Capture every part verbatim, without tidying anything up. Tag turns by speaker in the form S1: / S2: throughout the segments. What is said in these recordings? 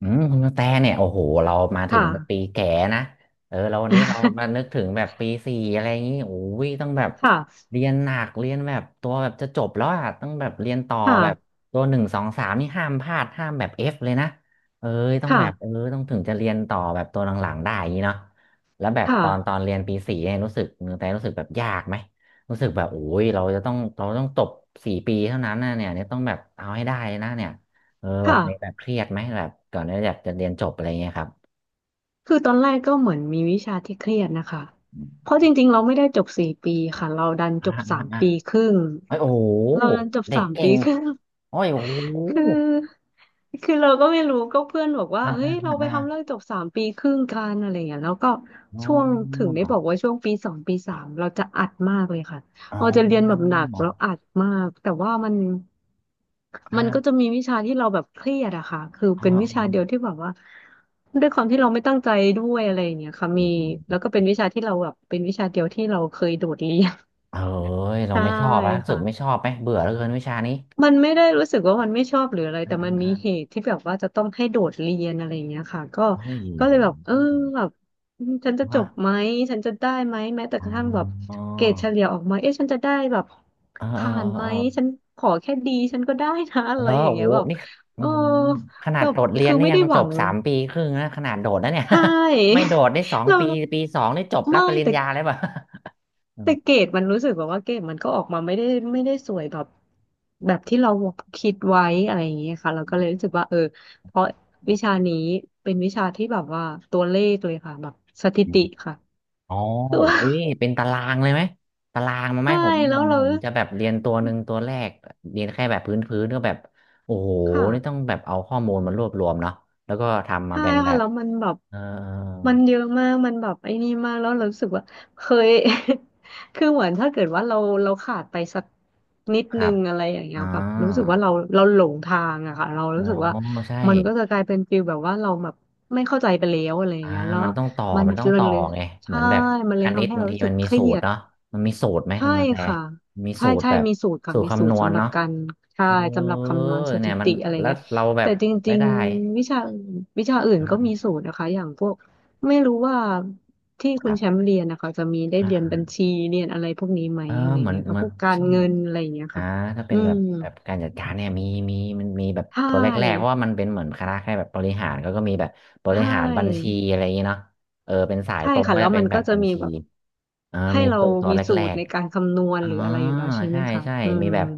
S1: อืมคุณกระแตเนี่ยโอ้โหเรามาถึง
S2: ค่ะ
S1: ปีแก่นะเออเราวันนี้เรามา นึกถึงแบบปีสี่อะไรอย่างนี้โอ้ยต้องแบบ
S2: ค่ะ
S1: เรียนหนักเรียนแบบตัวแบบจะจบแล้วอ่ะต้องแบบเรียนต่อ
S2: ค่ะ
S1: แบบตัวหนึ่งสองสามนี่ห้ามพลาดห้ามแบบเอฟเลยนะเอ้ยต้องแบบเออ
S2: ค่ะ
S1: ต้องถึงจะเรียนต่อแบบตัวหลังๆได้อย่างนี้เนาะแล้วแบบตอนตอ
S2: ค่ะ
S1: นเรียนปีสี่เนี่ยรู้สึกคุณกระแตรู้สึกแบบยากไหมรู้สึกแบบโอ้ยเราจะต้องเราต้องจบสี่ปีเท่านั้นนะเนี่ยเนี่ยต้องแบบเอาให้ได้เลยนะเนี่ย เออแบบ
S2: ค่ะ
S1: มีแบบเครียดไหมแบบก่อนที่อยากจะเรียนจบอะไรเงี้ยครับ
S2: คือตอนแรกก็เหมือนมีวิชาที่เครียดนะคะ
S1: อม
S2: เพราะจริงๆเราไม่ได้จบสี่ปีค่ะ เราดัน
S1: อ่า
S2: จบสา
S1: อ่า
S2: ม
S1: อ่า
S2: ปีครึ่ง
S1: เฮ้ยโอ้โห
S2: เราดันจบ
S1: เด็ก
S2: สาม
S1: เก่
S2: ปี
S1: ง
S2: ครึ่ง
S1: โอ้ยโอ้โห
S2: คือคือเราก็ไม่รู้ก็เพื่อนบอกว่า
S1: อ่า
S2: เฮ้
S1: อ่า
S2: ย
S1: อ่า
S2: เราไป
S1: อา
S2: ทำเรื่องจบสามปีครึ่งกันอะไรอย่างเงี้ยแล้วก็
S1: อ๋อ
S2: ช่วงถึงได้
S1: อ๋อ
S2: บอกว่าช่วงปีสองปีสามเราจะอัดมากเลยค่ะเราจะเรียนแบบ
S1: อ
S2: หนักเราอัดมากแต่ว่ามันมันก็จะ
S1: ่า
S2: มีวิชาที่เราแบบเครียดอะค่ะคือ
S1: อ๋อ
S2: เป็นวิ
S1: อ๋อ
S2: ชาเดียวที่แบบว่าด้วยความที่เราไม่ตั้งใจด้วยอะไรอย่างเงี้ยค่ะมี
S1: อื
S2: แล้ว
S1: ม
S2: ก็เป็นวิชาที่เราแบบเป็นวิชาเดียวที่เราเคยโดดเรียน
S1: เอ้ย เรา
S2: ใช่
S1: ไม่ชอบแล้วรู้สึ
S2: ค่ะ
S1: กไม่ชอบไหมเบื่อเหลือเกินวิชานี้
S2: มันไม่ได้รู้สึกว่ามันไม่ชอบหรืออะไร
S1: อ่า
S2: แต่
S1: อ่า
S2: มันมี
S1: อ่า
S2: เหตุที่แบบว่าจะต้องให้โดดเรียนอะไรอย่างเงี้ยค่ะก็
S1: เฮ้ย
S2: ก็
S1: โห
S2: เลยแบบเออแบบอืมฉันจะจ
S1: ฮะ
S2: บไหมฉันจะได้ไหมแม้แต่กระทั่งแบบ
S1: อ๋อ
S2: เกรดเฉลี่ยออกมาเอ๊ะฉันจะได้แบบ
S1: เออเออ
S2: ผ่านไหม
S1: เออ
S2: ฉันขอแค่ดีฉันก็ได้นะอะ
S1: แล้
S2: ไร
S1: ว
S2: อย่าง
S1: โอ้
S2: เงี้
S1: โห
S2: ยแบบ
S1: นี่อื
S2: เออ
S1: มขนา
S2: แบ
S1: ด
S2: บ
S1: โดดเรียน
S2: คือ
S1: นี่
S2: ไม่
S1: ยั
S2: ได้
S1: ง
S2: ห
S1: จ
S2: วั
S1: บ
S2: ง
S1: สามปีครึ่งนะขนาดโดดนะเนี่ย
S2: ใช
S1: ไม่
S2: ่
S1: โดดได้สอ ง
S2: เรา
S1: ปีปีสองนี่จบรับ
S2: ไม่
S1: ปริญ
S2: แต่
S1: ญาเลยป่ะ อื
S2: แต่
S1: ม
S2: เกรดมันรู้สึกแบบว่าเกรดมันก็ออกมาไม่ได้ไม่ได้สวยแบบแบบที่เราคิดไว้อะไรอย่างเงี้ยค่ะเราก็เลยรู้สึกว่าเออเพราะวิชานี้เป็นวิชาที่แบบว่าตัวเลขเลยค่ะแบบสถิติค่ะ
S1: อ๋อ
S2: คือว่า
S1: อุ้ยเป็นตารางเลยไหมตารางมา ไหม
S2: ใช่
S1: ผมผ
S2: แล้ว
S1: ม
S2: เรา
S1: ผมจะแบบเรียนตัวหนึ่งตัวแรกเรียนแค่แบบพื้นพื้นก็แบบโอ้โห
S2: ค่ะ
S1: นี่ต้องแบบเอาข้อมูลมารวบรวมเนาะแล้วก็ทำมา
S2: ใช่
S1: เป็นแบ
S2: ค่ะ
S1: บ
S2: แล้วมันแบบ
S1: เออ
S2: มันเยอะมากมันแบบไอ้นี่มากแล้วเรารู้สึกว่าเคย คือเหมือนถ้าเกิดว่าเราเราขาดไปสักนิด
S1: ค
S2: นึ
S1: รับ
S2: งอะไรอย่างเงี้ย
S1: อ่า
S2: แบบรู้สึกว่าเราเราหลงทางอะค่ะเรา
S1: โอ้
S2: รู้สึกว่า
S1: ใช่
S2: มันก็จะกลายเป็นฟีลแบบว่าเราแบบไม่เข้าใจไปแล้วอะไรอย่า
S1: อ่า
S2: งเงี้ยแล้ว
S1: มันต้องต่อ
S2: มัน
S1: มันต้องต่อ
S2: เลย
S1: ไงเหมื
S2: ใช่
S1: อนแบบ
S2: มัน
S1: ค
S2: เลย
S1: ณิ
S2: ทำ
S1: ต
S2: ให้
S1: บา
S2: เรา
S1: งที
S2: รู้สึ
S1: มั
S2: ก
S1: นมี
S2: เครี
S1: สูต
S2: ย
S1: ร
S2: ด
S1: เนาะมันมีสูตรไหมคุ
S2: ใช่
S1: ณแต
S2: ค่ะ
S1: มี
S2: ใช่
S1: สูตร
S2: ใช่
S1: แบบ
S2: มีสูตรค่ะ
S1: สูตร
S2: มีสู
S1: คำน
S2: ตร
S1: วณ
S2: สำหรับ
S1: เนาะ
S2: การใช่
S1: เออ
S2: สำหรับคำนวณส
S1: เนี่
S2: ถิ
S1: ยมัน
S2: ติอะไร
S1: แล้ว
S2: เงี้ย
S1: เราแบ
S2: แต่
S1: บ
S2: จ
S1: ไม่
S2: ริง
S1: ได้
S2: ๆวิชาวิชาอื่น
S1: อ่า
S2: ก็มีสูตรนะคะอย่างพวกไม่รู้ว่าที่
S1: ค
S2: คุณ
S1: รั
S2: แชมป์
S1: บ
S2: เรียนนะคะจะมีได้เรียนบัญ
S1: อ่า
S2: ชีเรียนอะไรพวกนี้ไหม
S1: เออ
S2: อะไร
S1: เหมือน
S2: เงี้ย
S1: เห
S2: ค่ะ
S1: มือ
S2: พ
S1: น
S2: วกการ
S1: ใช่
S2: เงินอะไรเงี้ย
S1: อ่า
S2: ค่ะ
S1: ถ้าเป็
S2: อื
S1: นแบ
S2: ม
S1: บแบบการจัดการเนี่ยมีมีมันมีแบบ
S2: ใช่
S1: ตัวแรกๆเพราะว่ามันเป็นเหมือนคณะแค่แบบบริหารก็ก็มีแบบบ
S2: ใช
S1: ริหารบัญ
S2: ่
S1: ชีอะไรอย่างเงี้เนาะเออเป็นสาย
S2: ใช่
S1: ตรง
S2: ค่ะ
S1: ก็
S2: แล้ว
S1: จะเป็
S2: มั
S1: น
S2: น
S1: แบ
S2: ก็
S1: บ
S2: จะ
S1: บัญ
S2: มี
S1: ชี
S2: แบบ
S1: อ่า
S2: ให้
S1: มี
S2: เรา
S1: ตัวตัว
S2: มี
S1: แร
S2: สูตร
S1: ก
S2: ในการคำนวณ
S1: อ๋อ
S2: หรืออะไรอยู่แล้วใช่ไหม
S1: ใช่
S2: คะ
S1: ใช่
S2: อื
S1: มี
S2: ม
S1: แบบ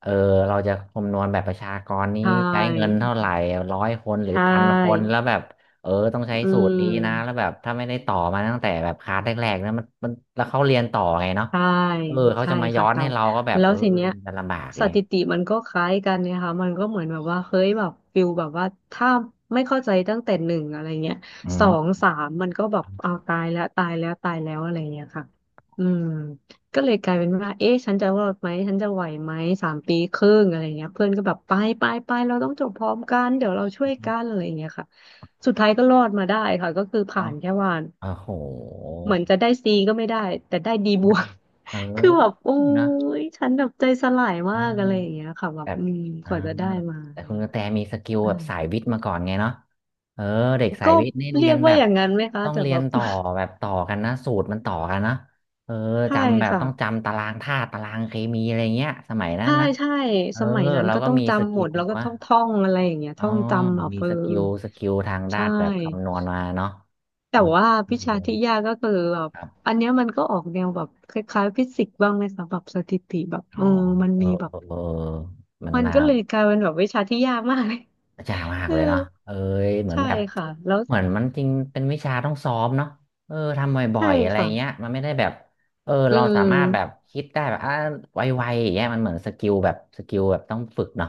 S1: เออเราจะคำนวณแบบประชากรนี้
S2: ใช
S1: ใช้เงิน
S2: ่
S1: เท่าไหร่ร้อยคนหรื
S2: ใช
S1: อพันคน
S2: ่
S1: แล้วแบบเออต้องใช้
S2: อื
S1: สูตรนี้นะแล้ว
S2: ม
S1: แบบถ้าไม่ได้ต่อมาตั้งแต่แบบคลาสแรกๆนะมันมันแล้วเขาเรียนต่อไงเนาะ
S2: ใช่
S1: เออเขา
S2: ใช่
S1: จะมาย้อ
S2: ค่ะ
S1: น
S2: เตา
S1: ให้เราก็แบบ
S2: แล้ว
S1: เออ
S2: ทีเนี้ย
S1: มันลำบากเล
S2: ส
S1: ย
S2: ถิติมันก็คล้ายกันเนี่ยค่ะมันก็เหมือนแบบว่าเฮ้ยแบบฟิลแบบว่าถ้าไม่เข้าใจตั้งแต่หนึ่งอะไรเงี้ย
S1: อื
S2: สอง
S1: ม
S2: สามมันก็แบบเอาตายแล้วตายแล้วตายแล้วอะไรเงี้ยค่ะอืมก็เลยกลายเป็นว่าเอ๊ะฉันจะรอดไหมฉันจะไหวไหมสามปีครึ่งอะไรเงี้ยเพื่อนก็แบบไปไปไปเราต้องจบพร้อมกันเดี๋ยวเราช่วยกันอะไรเงี้ยค่ะสุดท้ายก็รอดมาได้ค่ะก็คือผ่า
S1: เนาะ
S2: นแค่วัน
S1: โอ้โห
S2: เหมือนจะได้ C ก็ไม่ได้แต่ได้ D บวก
S1: เอ
S2: คือแบบ
S1: อ
S2: โอ้
S1: นะ
S2: ยฉันแบบใจสลาย
S1: เออ
S2: มากอะไรอย่างเงี้ยค่ะแบ
S1: แบ
S2: บ
S1: บ
S2: อืม
S1: อ่า
S2: กว่าจะได้มาอะ
S1: แต่
S2: ไร
S1: คุณก
S2: เงี้
S1: ระ
S2: ย
S1: แตมีสกิล
S2: อ่า
S1: แบบสายวิทย์มาก่อนไงเนาะเออเด็กสา
S2: ก็
S1: ยวิทย์นี่เรี
S2: เรี
S1: ย
S2: ย
S1: น
S2: ก
S1: แบ
S2: ว่า
S1: บ
S2: อย่างนั้นไหมคะ
S1: ต้อง
S2: แต่
S1: เรี
S2: แบ
S1: ยน
S2: บ
S1: ต่อแบบต่อกันนะสูตรมันต่อกันนะเออ
S2: ใช่
S1: จำแบบ
S2: ค่ะ
S1: ต้องจำตารางธาตุตารางเคมีอะไรเงี้ยสมัยนั้น
S2: ใช่
S1: นะ
S2: ใช่
S1: เออ
S2: สมัยนั้น
S1: เรา
S2: ก็
S1: ก็
S2: ต้อง
S1: มีส
S2: จำห
S1: กิ
S2: มด
S1: ล
S2: แล้วก็
S1: วะ
S2: ท่องท่องอะไรอย่างเงี้ย
S1: อ๋อ
S2: ท่องจำ
S1: เรา
S2: เอา
S1: มี
S2: เออ
S1: สกิลสกิลทางด้า
S2: ใช่
S1: นแบบคำนวณมาเนาะ
S2: แต่
S1: เออ
S2: ว่าวิชาที่ยากก็คือแบบ
S1: ครับ
S2: อันเนี้ยมันก็ออกแนวแบบคล้ายๆฟิสิกส์บ้างไหมคะแบบสถิติแบบ
S1: อ๋
S2: เอ
S1: อ
S2: อมัน
S1: เออ
S2: มีแบ
S1: เอ
S2: บ
S1: อเออมัน
S2: มัน
S1: มา
S2: ก็เลยกลายเป็นแบบวิชาที่ยากมากเลย
S1: จ้ามา ก
S2: เออ
S1: เลยเนาะเอ้ยเหมือน
S2: ใช่
S1: แบบ
S2: ค่ะแล้ว
S1: เหมือนมันจริง เป็นวิชาต้องซ้อมเนาะเออ ทำบ่อ
S2: ใช่
S1: ยๆอะไร
S2: ค่ะ
S1: เงี้ยมันไม่ได้แบบเออ
S2: อื
S1: เราสามารถแบบ
S2: ม
S1: คิดได้แบบอ่ะไวๆอย่างเงี้ยมันเหมือนสกิลแบบสกิลแบบต้องฝึกเนาะ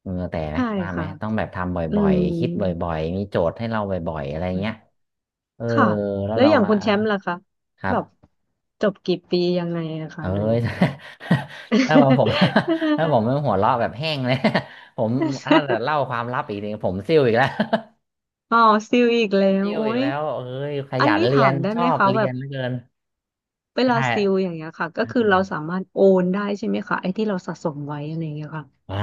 S1: เออแต่ไหม
S2: ใช่
S1: ว่าไหม
S2: ค่ะ
S1: ต้องแบบทำบ
S2: อื
S1: ่อย
S2: ม
S1: ๆ คิดบ่อยๆมีโจทย์ให้เราบ่อยๆ อะไรเงี้ยเออ
S2: ค่ะ
S1: แล้ว
S2: แล้ว
S1: เรา
S2: อย่าง
S1: มา
S2: คุณแชมป์ล่ะคะ
S1: ครั
S2: แบบ
S1: บ
S2: จบกี่ปียังไงอะคะ
S1: เอ้
S2: หรือ
S1: ย
S2: ว่า
S1: ถ้าบอกผม ถ้าผมไม่หัวเราะแบบแห้งเลย ผมถ้า เล่าความลับอีกทีผมซิ่วอีกแล้ว
S2: อ๋อซิลอีกแล้ว
S1: ติว
S2: โอ้
S1: อีก
S2: ย
S1: แล้วเอ้ยข
S2: อัน
S1: ยัน
S2: นี้
S1: เรี
S2: ถา
S1: ย
S2: ม
S1: น
S2: ได้
S1: ช
S2: ไห
S1: อ
S2: ม
S1: บ
S2: คะ
S1: เรี
S2: แบ
S1: ย
S2: บ
S1: นเหลือเกิน
S2: เวลา
S1: ใช่
S2: ซิลอย่างเงี้ยค่ะก็คือเราสามารถโอนได้ใช่ไหมคะไอ้ที่เราสะสมไว้อะไรอย่างเงี้ยค่ะ
S1: อ่า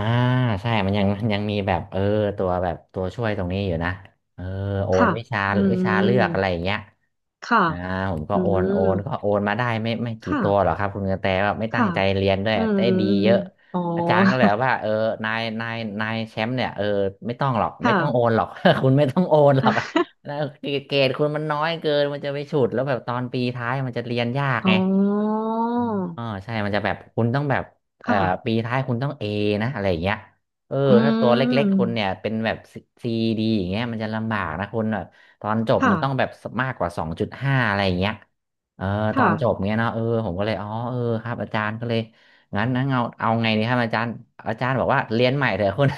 S1: ใช่มันยังมันยังมีแบบเออตัวแบบตัวช่วยตรงนี้อยู่นะเออโอน
S2: ค่ะ
S1: วิชา
S2: อื
S1: วิชาเลือกอะ
S2: ม
S1: ไรอย่างเงี้ย
S2: ค่ะ
S1: อ่าผมก็
S2: อื
S1: โอนโอ
S2: ม
S1: นก็โอนมาได้ไม่ไม่กี่
S2: ค่ะ
S1: ตัวหรอกครับคุณกระแตแบบไม่ตั้ง
S2: ค่ะ
S1: ใจเรียนด้วย
S2: อื
S1: แต่
S2: ม
S1: ดีเยอะ
S2: อ๋อ
S1: อาจารย์ก็เลยว่าเออนายนายนายแชมป์เนี่ยเออไม่ต้องหรอกไม่
S2: ค่ะ
S1: ต้องโอนหรอก คุณไม่ต้องโอนหรอก นะ เกรดคุณมันน้อยเกินมันจะไปฉุดแล้วแบบตอนปีท้ายมันจะเรียนยาก
S2: อ๋อ
S1: ไง อ๋อใช่มันจะแบบคุณต้องแบบเอ่อปี
S2: ค่ะ
S1: ท้ายคุณต้องเอนะอะไรอย่างเงี้ยเออ
S2: อื
S1: ถ้าตัวเล็กๆคุณ
S2: ม
S1: เนี่ยเป็นแบบซีดีอย่างเงี้ยมันจะลำบากนะคุณแบบตอนจบ
S2: ค่ะ
S1: มันต้องแบบมากกว่าสองจุดห้าอะไรอย่างเงี้ยเออตอ
S2: ค่ะ
S1: นจบเงี้ยเนาะเออผมก็เลยอ๋อเออครับอาจารย์ก็เลยงั้นงั้นเอาเอาไงดีครับอาจารย์อาจารย์บอกว่าเรียนใหม่เถอะคุณ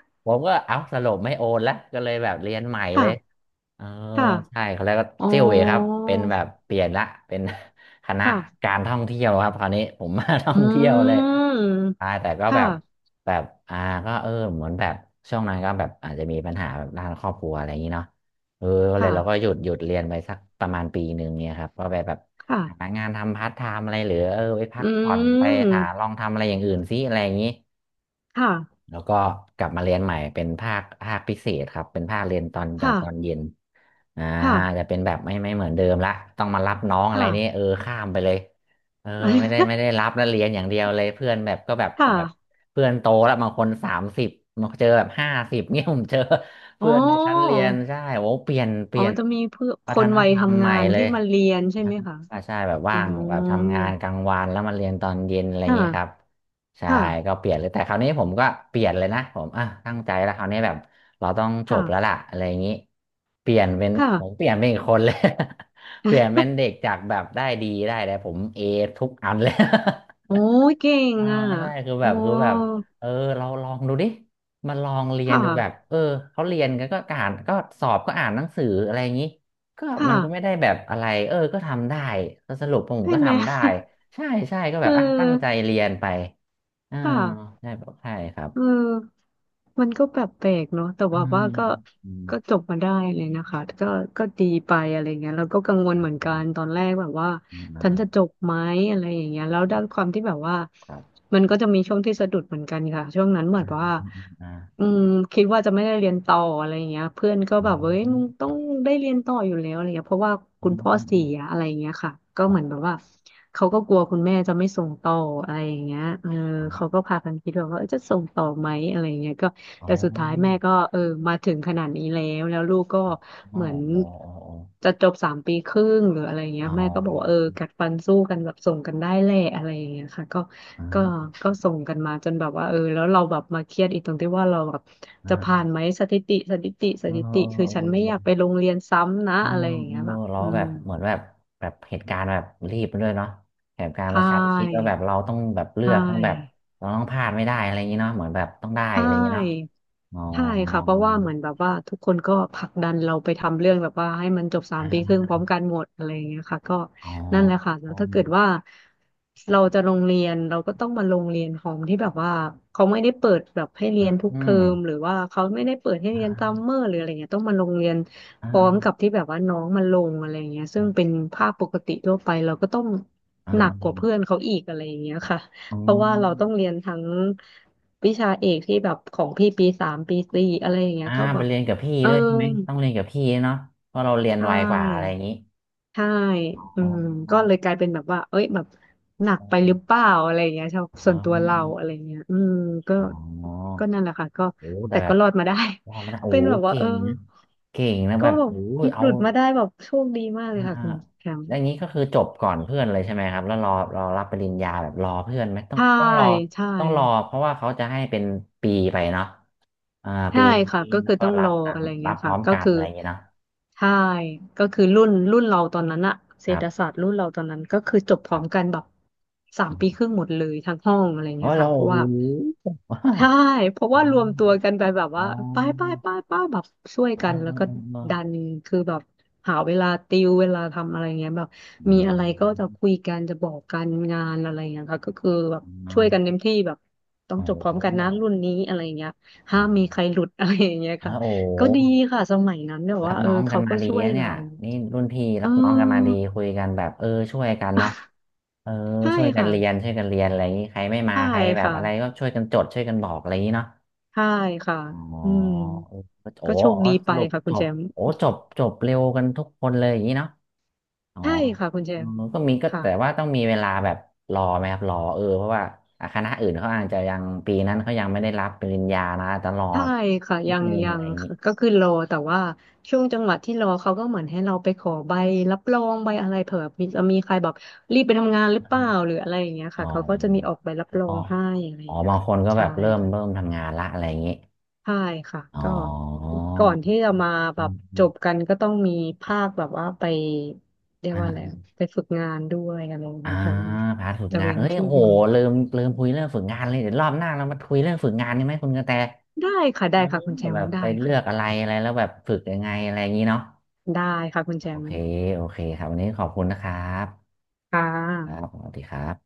S1: ผ มก็เอาสรุปไม่โอนแล้วก็เลยแบบเรียนใหม่เลย
S2: ค่ะ
S1: เออ
S2: ค่ะ
S1: ใช่เขาแล้วก็
S2: อ๋อ
S1: เซิ่ยวเหวยครับเป็นแบบเปลี่ยนละเป็น คณะ
S2: ค่ะ
S1: การท่องเที่ยวครับคราวนี้ผมมา ท่อ
S2: อื
S1: งเที่ยวเลย
S2: ม
S1: ใช่แต่ก็แบ
S2: ค่ะ
S1: บแบบอ่าก็เออเหมือนแบบช่วงนั้นก็แบบอาจจะมีปัญหาแบบด้านครอบครัวอะไรอย่างนี้เนาะเออก็
S2: ค
S1: เลยเราก็หยุ
S2: ่ะ
S1: ดหยุดเรียนไปสักประมาณปีหนึ่งเนี่ยครับก็ไปแบบ
S2: ค่ะ
S1: หางานทำพาร์ทไทม์อะไรหรือเออไปพั
S2: อื
S1: กผ่อนไปหาล
S2: ม
S1: องทำอะไรอย่างอื่นซิอะไรอย่างนี้
S2: ค่ะ
S1: แล้วก็กลับมาเรียนใหม่เป็นภาคภาคพิเศษครับเป็นภาคเรียนตอนตอนตอน
S2: ค่ะ
S1: เย็น อ่า
S2: ค่ะ
S1: จะเป็นแบบไม่ไม่เหมือนเดิมละต้องมารับน้องอะไร
S2: ค่ะ
S1: นี่เออข้ามไปเลยเออไม่ได้ไม่ได้รั บแล้วเรียนอย่างเดียวเลยเพื่อนแบบก็แบบ
S2: ค่ะ
S1: แบบเพื่อนโตแล้วบางคนสามสิบมางคนเจอแบบห้าสิบ เนี่ยผมเจอ
S2: อ๋อ
S1: เพื่อนในชั้นเรียนใช่โอ้เปลี่ยนเป
S2: อ๋อ
S1: ลี่ยน
S2: จะมีเพื่อค
S1: วัฒ
S2: น
S1: น
S2: วัย
S1: ธรรม
S2: ทำ
S1: ให
S2: งา
S1: ม่
S2: น
S1: เล
S2: ที่
S1: ย
S2: มาเรียนใช่
S1: นะ
S2: ไหมคะ
S1: ใช่แบบ
S2: อื
S1: ว่างแบบทำ
S2: ม
S1: งานกลางวันแล้วมาเรียนตอนเย็นอะไรอย่างนี้ครับ
S2: ค่ะ
S1: ใช่
S2: ค่ะ
S1: ก็เปลี่ยนเลยแต่คราวนี้ผมก็เปลี่ยนเลยนะผมอ่ะตั้งใจแล้วคราวนี้แบบเราต้องจ
S2: ค่ะ
S1: บแล้วล่ะอะไรอย่างนี้เปลี่ยนเป็น
S2: ค่ะ
S1: ผมเปลี่ยนเป็นอีกคนเลย เปลี่ยนเป็น เด็กจากแบบได้ดีได้แต่ผมเอทุกอันเลย
S2: โอ้ยเก่ง
S1: เออ
S2: อ่ะ
S1: ใช่คือแบ
S2: โอ้
S1: บคือแบบเออเราลองดูดิมาลองเรี
S2: ค
S1: ยนดูแบบ
S2: ่ะ
S1: เออเขาเรียนกันก็อ่านก็สอบก็อ่านหนังสืออะไรอย่างนี้ก็
S2: ค่ะ
S1: มันก็ไม่ได้แบบอะไรเออก็ทำได้ก็สรุปผม
S2: เป็
S1: ก็
S2: นไหม
S1: ทำได้ใช่ใช่ก็
S2: เอ
S1: แบ
S2: อ
S1: บอ่ะตั้งใจเรียนไป อ่า
S2: ค่ะ
S1: ใช่แบบใช่ครับ
S2: เออมันก็แบบแปลกเนาะแต่
S1: อื
S2: ว่าว่า
S1: ม
S2: ก็
S1: อืม
S2: ก็จบมาได้เลยนะคะก็ก็ดีไปอะไรเงี้ยเราก็กังวลเหมือน
S1: อื
S2: กั
S1: ม
S2: นตอนแรกแบบว่า
S1: อืม
S2: ฉัน
S1: อ่า
S2: จะจบไหมอะไรอย่างเงี้ยแล้วด้านความที่แบบว่า
S1: ครับ
S2: มันก็จะมีช่วงที่สะดุดเหมือนกันค่ะช่วงนั้นเหมือ
S1: อ
S2: นว่า
S1: มอ่า
S2: อืมคิดว่าจะไม่ได้เรียนต่ออะไรอย่างเงี้ยเพื่อนก็
S1: อื
S2: แบบเอ้ย
S1: ม
S2: มึงต้องได้เรียนต่ออยู่แล้วอะไรเงี้ยเพราะว่า
S1: อื
S2: คุณ
S1: ม
S2: พ่อ
S1: อื
S2: เสี
S1: ม
S2: ยอะไรอย่างเงี้ยค่ะก็
S1: อ๋
S2: เหมือน
S1: อ
S2: แบบว่าเขาก็กลัวคุณแม่จะไม่ส่งต่ออะไรอย่างเงี้ยเออเขาก็พากันคิดแบบว่าเอ้ยจะส่งต่อไหมอะไรอย่างเงี้ยก็
S1: อ๋
S2: แต่สุดท้ายแม่
S1: อ
S2: ก็เออมาถึงขนาดนี้แล้วแล้วลูกก็
S1: อ๋อ
S2: เหมือน
S1: อ๋อ
S2: จะจบสามปีครึ่งหรืออะไรเงี้
S1: อ๋
S2: ย
S1: ออ๋
S2: แม่ก็บอกว่า
S1: อ
S2: เออกัดฟันสู้กันแบบส่งกันได้แลอะไรเงี้ยค่ะก็ ก็
S1: อ
S2: ก็ส่งกันมาจนแบบว่าเออแล้วเราแบบมาเครียดอีกตรงที่ว่าเราแบบ
S1: ๋อ
S2: จะ
S1: อ๋
S2: ผ่า
S1: อ
S2: นไหมสถิติสถิติส
S1: เออ
S2: ถิติคือฉันไม่อยากไป
S1: เ
S2: โรงเรียนซ้ำนะ
S1: ออ
S2: อะไรอย่างเงี้ยแบบ
S1: เรา
S2: อื
S1: แบ
S2: ม
S1: บเหมือนแบบแบบเหตุการณ์แบบรีบด้วยเนาะเหตุการ
S2: ใช
S1: ณ์ประชันชิดแล้ว
S2: ่
S1: แบบเราต้องแบบเลื
S2: ใช
S1: อกต้องแบบ
S2: ่
S1: เราต้องพลาดไม่ได้อะไรอย่างนี้เนาะเหมือนแบบต้องได้
S2: ใช่
S1: อะไรอย่างนี้เนาะอ๋อ
S2: ใช่ค่ะเพราะว่าเหมือนแบบว่าทุกคนก็ผลักดันเราไปทำเรื่องแบบว่าให้มันจบสามปีครึ่งพร้อมกันหมดอะไรอย่างเงี้ยค่ะก็
S1: อ๋อ
S2: นั่นแหละค่ะแล้
S1: อ
S2: วถ้าเกิดว่าเราจะลงเรียนเราก็ต้องมาลงเรียนของที่แบบว่าเขาไม่ได้เปิดแบบให้
S1: อ
S2: เรียนทุก
S1: อื
S2: เทอ
S1: ม
S2: มหรือว่าเขาไม่ได้เปิดให้เรียนซั
S1: อ่า
S2: มเมอร์หรืออะไรเงี้ยต้องมาลงเรียน
S1: อ
S2: พร้อมกั
S1: ่า
S2: บที่แบบว่าน้องมาลงอะไรเงี้ยซึ่งเป็นภาพปกติทั่วไปเราก็ต้อง
S1: อ
S2: หนักกว่า
S1: ่า
S2: เพื่อนเขาอีกอะไรอย่างเงี้ยค่ะ
S1: อ๋
S2: เพราะว่าเราต้
S1: อ
S2: องเรียนทั้ง วิชาเอกที่แบบของพี่ปีสามปีสี่อะไรอย่างเงี้
S1: อ่า
S2: ยก็แบ
S1: ไป
S2: บ
S1: เรียนกับพี่
S2: เออ
S1: ด้วยใช่ไหม ต้องเรียนกับพี่เนาะเพราะเราเรียน
S2: ใช
S1: ไวกว่าอะไรอ
S2: ่
S1: ย่างนี้
S2: ใช่อื
S1: อ๋อ
S2: มก็เลยกลายเป็นแบบว่าเอ้ยแบบหนัก
S1: อ๋
S2: ไปห
S1: อ
S2: รือเปล่าอะไรอย่างเงี้ยชอบส่วนตัวเราอะไรเงี้ยอืมก็
S1: อ๋อ
S2: ก็นั่นแหละค่ะก็
S1: โอ้แต่
S2: แต่
S1: แบ
S2: ก็
S1: บ
S2: รอดมาได้
S1: ว่ามัน โอ้
S2: เป็นแบบว่า
S1: เก่
S2: เออ
S1: งนะเก่งนะ
S2: ก็
S1: แบบ
S2: แบบ
S1: โอ้
S2: ห
S1: เอา
S2: ลุดมาได้แบบโชคดีมากเล
S1: อ่า
S2: ยค่ะ
S1: อ่า
S2: คุณแชม
S1: แล้
S2: ป์
S1: วอย่างนี้ก็คือจบก่อนเพื่อนเลยใช่ไหมครับแล้วรอรอรับปริญญาแบบรอเพื่อนไหมต้อง
S2: ใช่
S1: ต้องรอ
S2: ใช่
S1: ต้องรอเพราะว่าเขาจะให้เป็นปีไปเนาะอ่าปี
S2: ใช่
S1: นี้
S2: ค่ะก็
S1: แล้
S2: คื
S1: ว
S2: อ
S1: ก็
S2: ต้อง
S1: รั
S2: ร
S1: บ
S2: อ
S1: ตาม
S2: อะไร
S1: รั
S2: เงี้ย
S1: บพร้
S2: ค่ะ
S1: อม
S2: ก็
S1: กัน
S2: คือ
S1: อะไรอย่างเงี้ยเนาะ
S2: ใช่ก็คือรุ่นรุ่นเราตอนนั้นอะเศ
S1: ค
S2: ร
S1: รั
S2: ษฐ
S1: บ
S2: ศาสตร์รุ่นเราตอนนั้นก็คือจบพร้อมกันแบบสาม
S1: อื
S2: ปีค
S1: ม
S2: รึ่งหมดเลยทั้งห้องอะไร
S1: อ๋อ
S2: เงี้ย
S1: เรา
S2: ค่ะเพ
S1: โอ้
S2: ราะ
S1: โห
S2: ว่า ใช่เพราะ
S1: อ๋อ
S2: ว่ารวมตัวกันไป
S1: อ๋อ
S2: แบบ
S1: อ๋อ
S2: ว่าไปไปไปไปแบบช่วยกั
S1: อ๋อ
S2: นแล้
S1: อ๋
S2: ว
S1: อ
S2: ก็
S1: อ๋อ
S2: ดันคือแบบหาเวลาติวเวลาทำอะไรเงี้ยแบบ
S1: อื
S2: มีอะไรก็จะ
S1: ม
S2: คุยกันจะบอกกันงานอะไรเงี้ยค่ะก็คือแบบ
S1: อ๋
S2: ช่วยกันเต็
S1: อ
S2: มที่แบบต้อ
S1: โอ
S2: งจบพร้
S1: โห
S2: อมกันนะรุ่นนี้อะไรเงี้ย
S1: อ๋
S2: ห้ามมี
S1: อ
S2: ใครหลุดอะไรอย่างเงี้ยค่ะ
S1: โอ้โห
S2: ก็ดีค่ะสมัยนั้นแบบ
S1: รั
S2: ว่า
S1: บ
S2: เออ
S1: น้องกั
S2: เขา
S1: นมา
S2: ก็
S1: ดี
S2: ช่วย
S1: อะเนี่
S2: เรา
S1: ยนี่รุ่นพี่
S2: เอ
S1: รับน้องกันมาดี
S2: อ
S1: คุยกันแบบเออช่วยกันเนาะ เออ
S2: ใช่
S1: ช่วยกัน
S2: ค่ะ
S1: เรียนช่วยกันเรียนอะไรอย่างนี้ใครไม่มา
S2: ใช่
S1: ใครแบบ
S2: ค่ะ
S1: อะไรก็ช่วยกันจดช่วยกันบอกอะไรอย่างนี้เนาะ
S2: ใช่ค่ะ
S1: อ๋อ
S2: อืม
S1: เออโอ้
S2: ก็
S1: โห
S2: โชคดี
S1: ส
S2: ไป
S1: รุป
S2: ค่ะ
S1: จ
S2: คุณแช
S1: บ
S2: มป์
S1: โอ้จบจบเร็วกันทุกคนเลยอย่างนี้เนาะ อ๋อ
S2: ใช่ค่ะคุณแจ
S1: อื
S2: ม
S1: มก็มีก็
S2: ค่ะ
S1: แต่ว่าต้องมีเวลาแบบรอไหมครับรอเออเพราะว่าอ่ะคณะอื่นเขาอาจจะยังปีนั้นเขายังไม่ได้รับปริญญานะตลอ
S2: ใช่ค่ะ
S1: อนิ
S2: ยั
S1: ด
S2: ง
S1: นึง
S2: ยั
S1: อะไร
S2: ง
S1: อย่างนี้
S2: ค่ะก็คือรอแต่ว่าช่วงจังหวะที่รอเขาก็เหมือนให้เราไปขอใบรับรองใบอะไรเผื่อมีจะมีใครแบบรีบไปทำงานหรือเปล่าหรืออะไรอย่างเงี้ย
S1: อ๋อ
S2: ค่ะเขาก็จะมีออกใบรับรอ
S1: อ๋อ
S2: งให้อะไรอ
S1: อ๋
S2: ย่า
S1: อ
S2: งเงี้ย
S1: บาง
S2: ค่ะ
S1: คนก็แบ
S2: ใช่
S1: บเริ่มเริ่
S2: ค่ะ
S1: มทำงานละอะไรอย่างนี้
S2: ใช่ค่ะ
S1: อ๋
S2: ก็
S1: อ
S2: ก่อนที่จะมาแบ
S1: อื
S2: บ
S1: มอื
S2: จ
S1: ม
S2: บกันก็ต้องมีภาคแบบว่าไปเรียกว่าอะไร
S1: อ่า
S2: ไปฝึกงานด้วยอะไรอย
S1: อ่า
S2: เงี้ยคะ
S1: พาร์ทฝึก
S2: จะ
S1: งาน
S2: เว้น
S1: เอ้ย
S2: ช่
S1: โห
S2: วง
S1: ลืมลืมคุยเรื่องฝึกงานเลยเดี๋ยวรอบหน้าเรามาคุยเรื่องฝึกงานนี่ไหมคุณกระแต
S2: ได้ค่ะ
S1: เอ
S2: ได้
S1: อ
S2: ค่ะคุณแชม
S1: แบ
S2: ป์
S1: บ
S2: ได้
S1: ไปเลือก
S2: ค่ะ
S1: อะไรอะไรแล้วแบบฝึกยังไงอะไรอย่างนี้เนาะ
S2: ได้ค่ะคุณแช
S1: โอ
S2: ม
S1: เค
S2: ป์
S1: โอเคครับ วันนี้ขอบคุณนะครับ
S2: ค่
S1: ครับ
S2: ะ
S1: สวัสดีครับ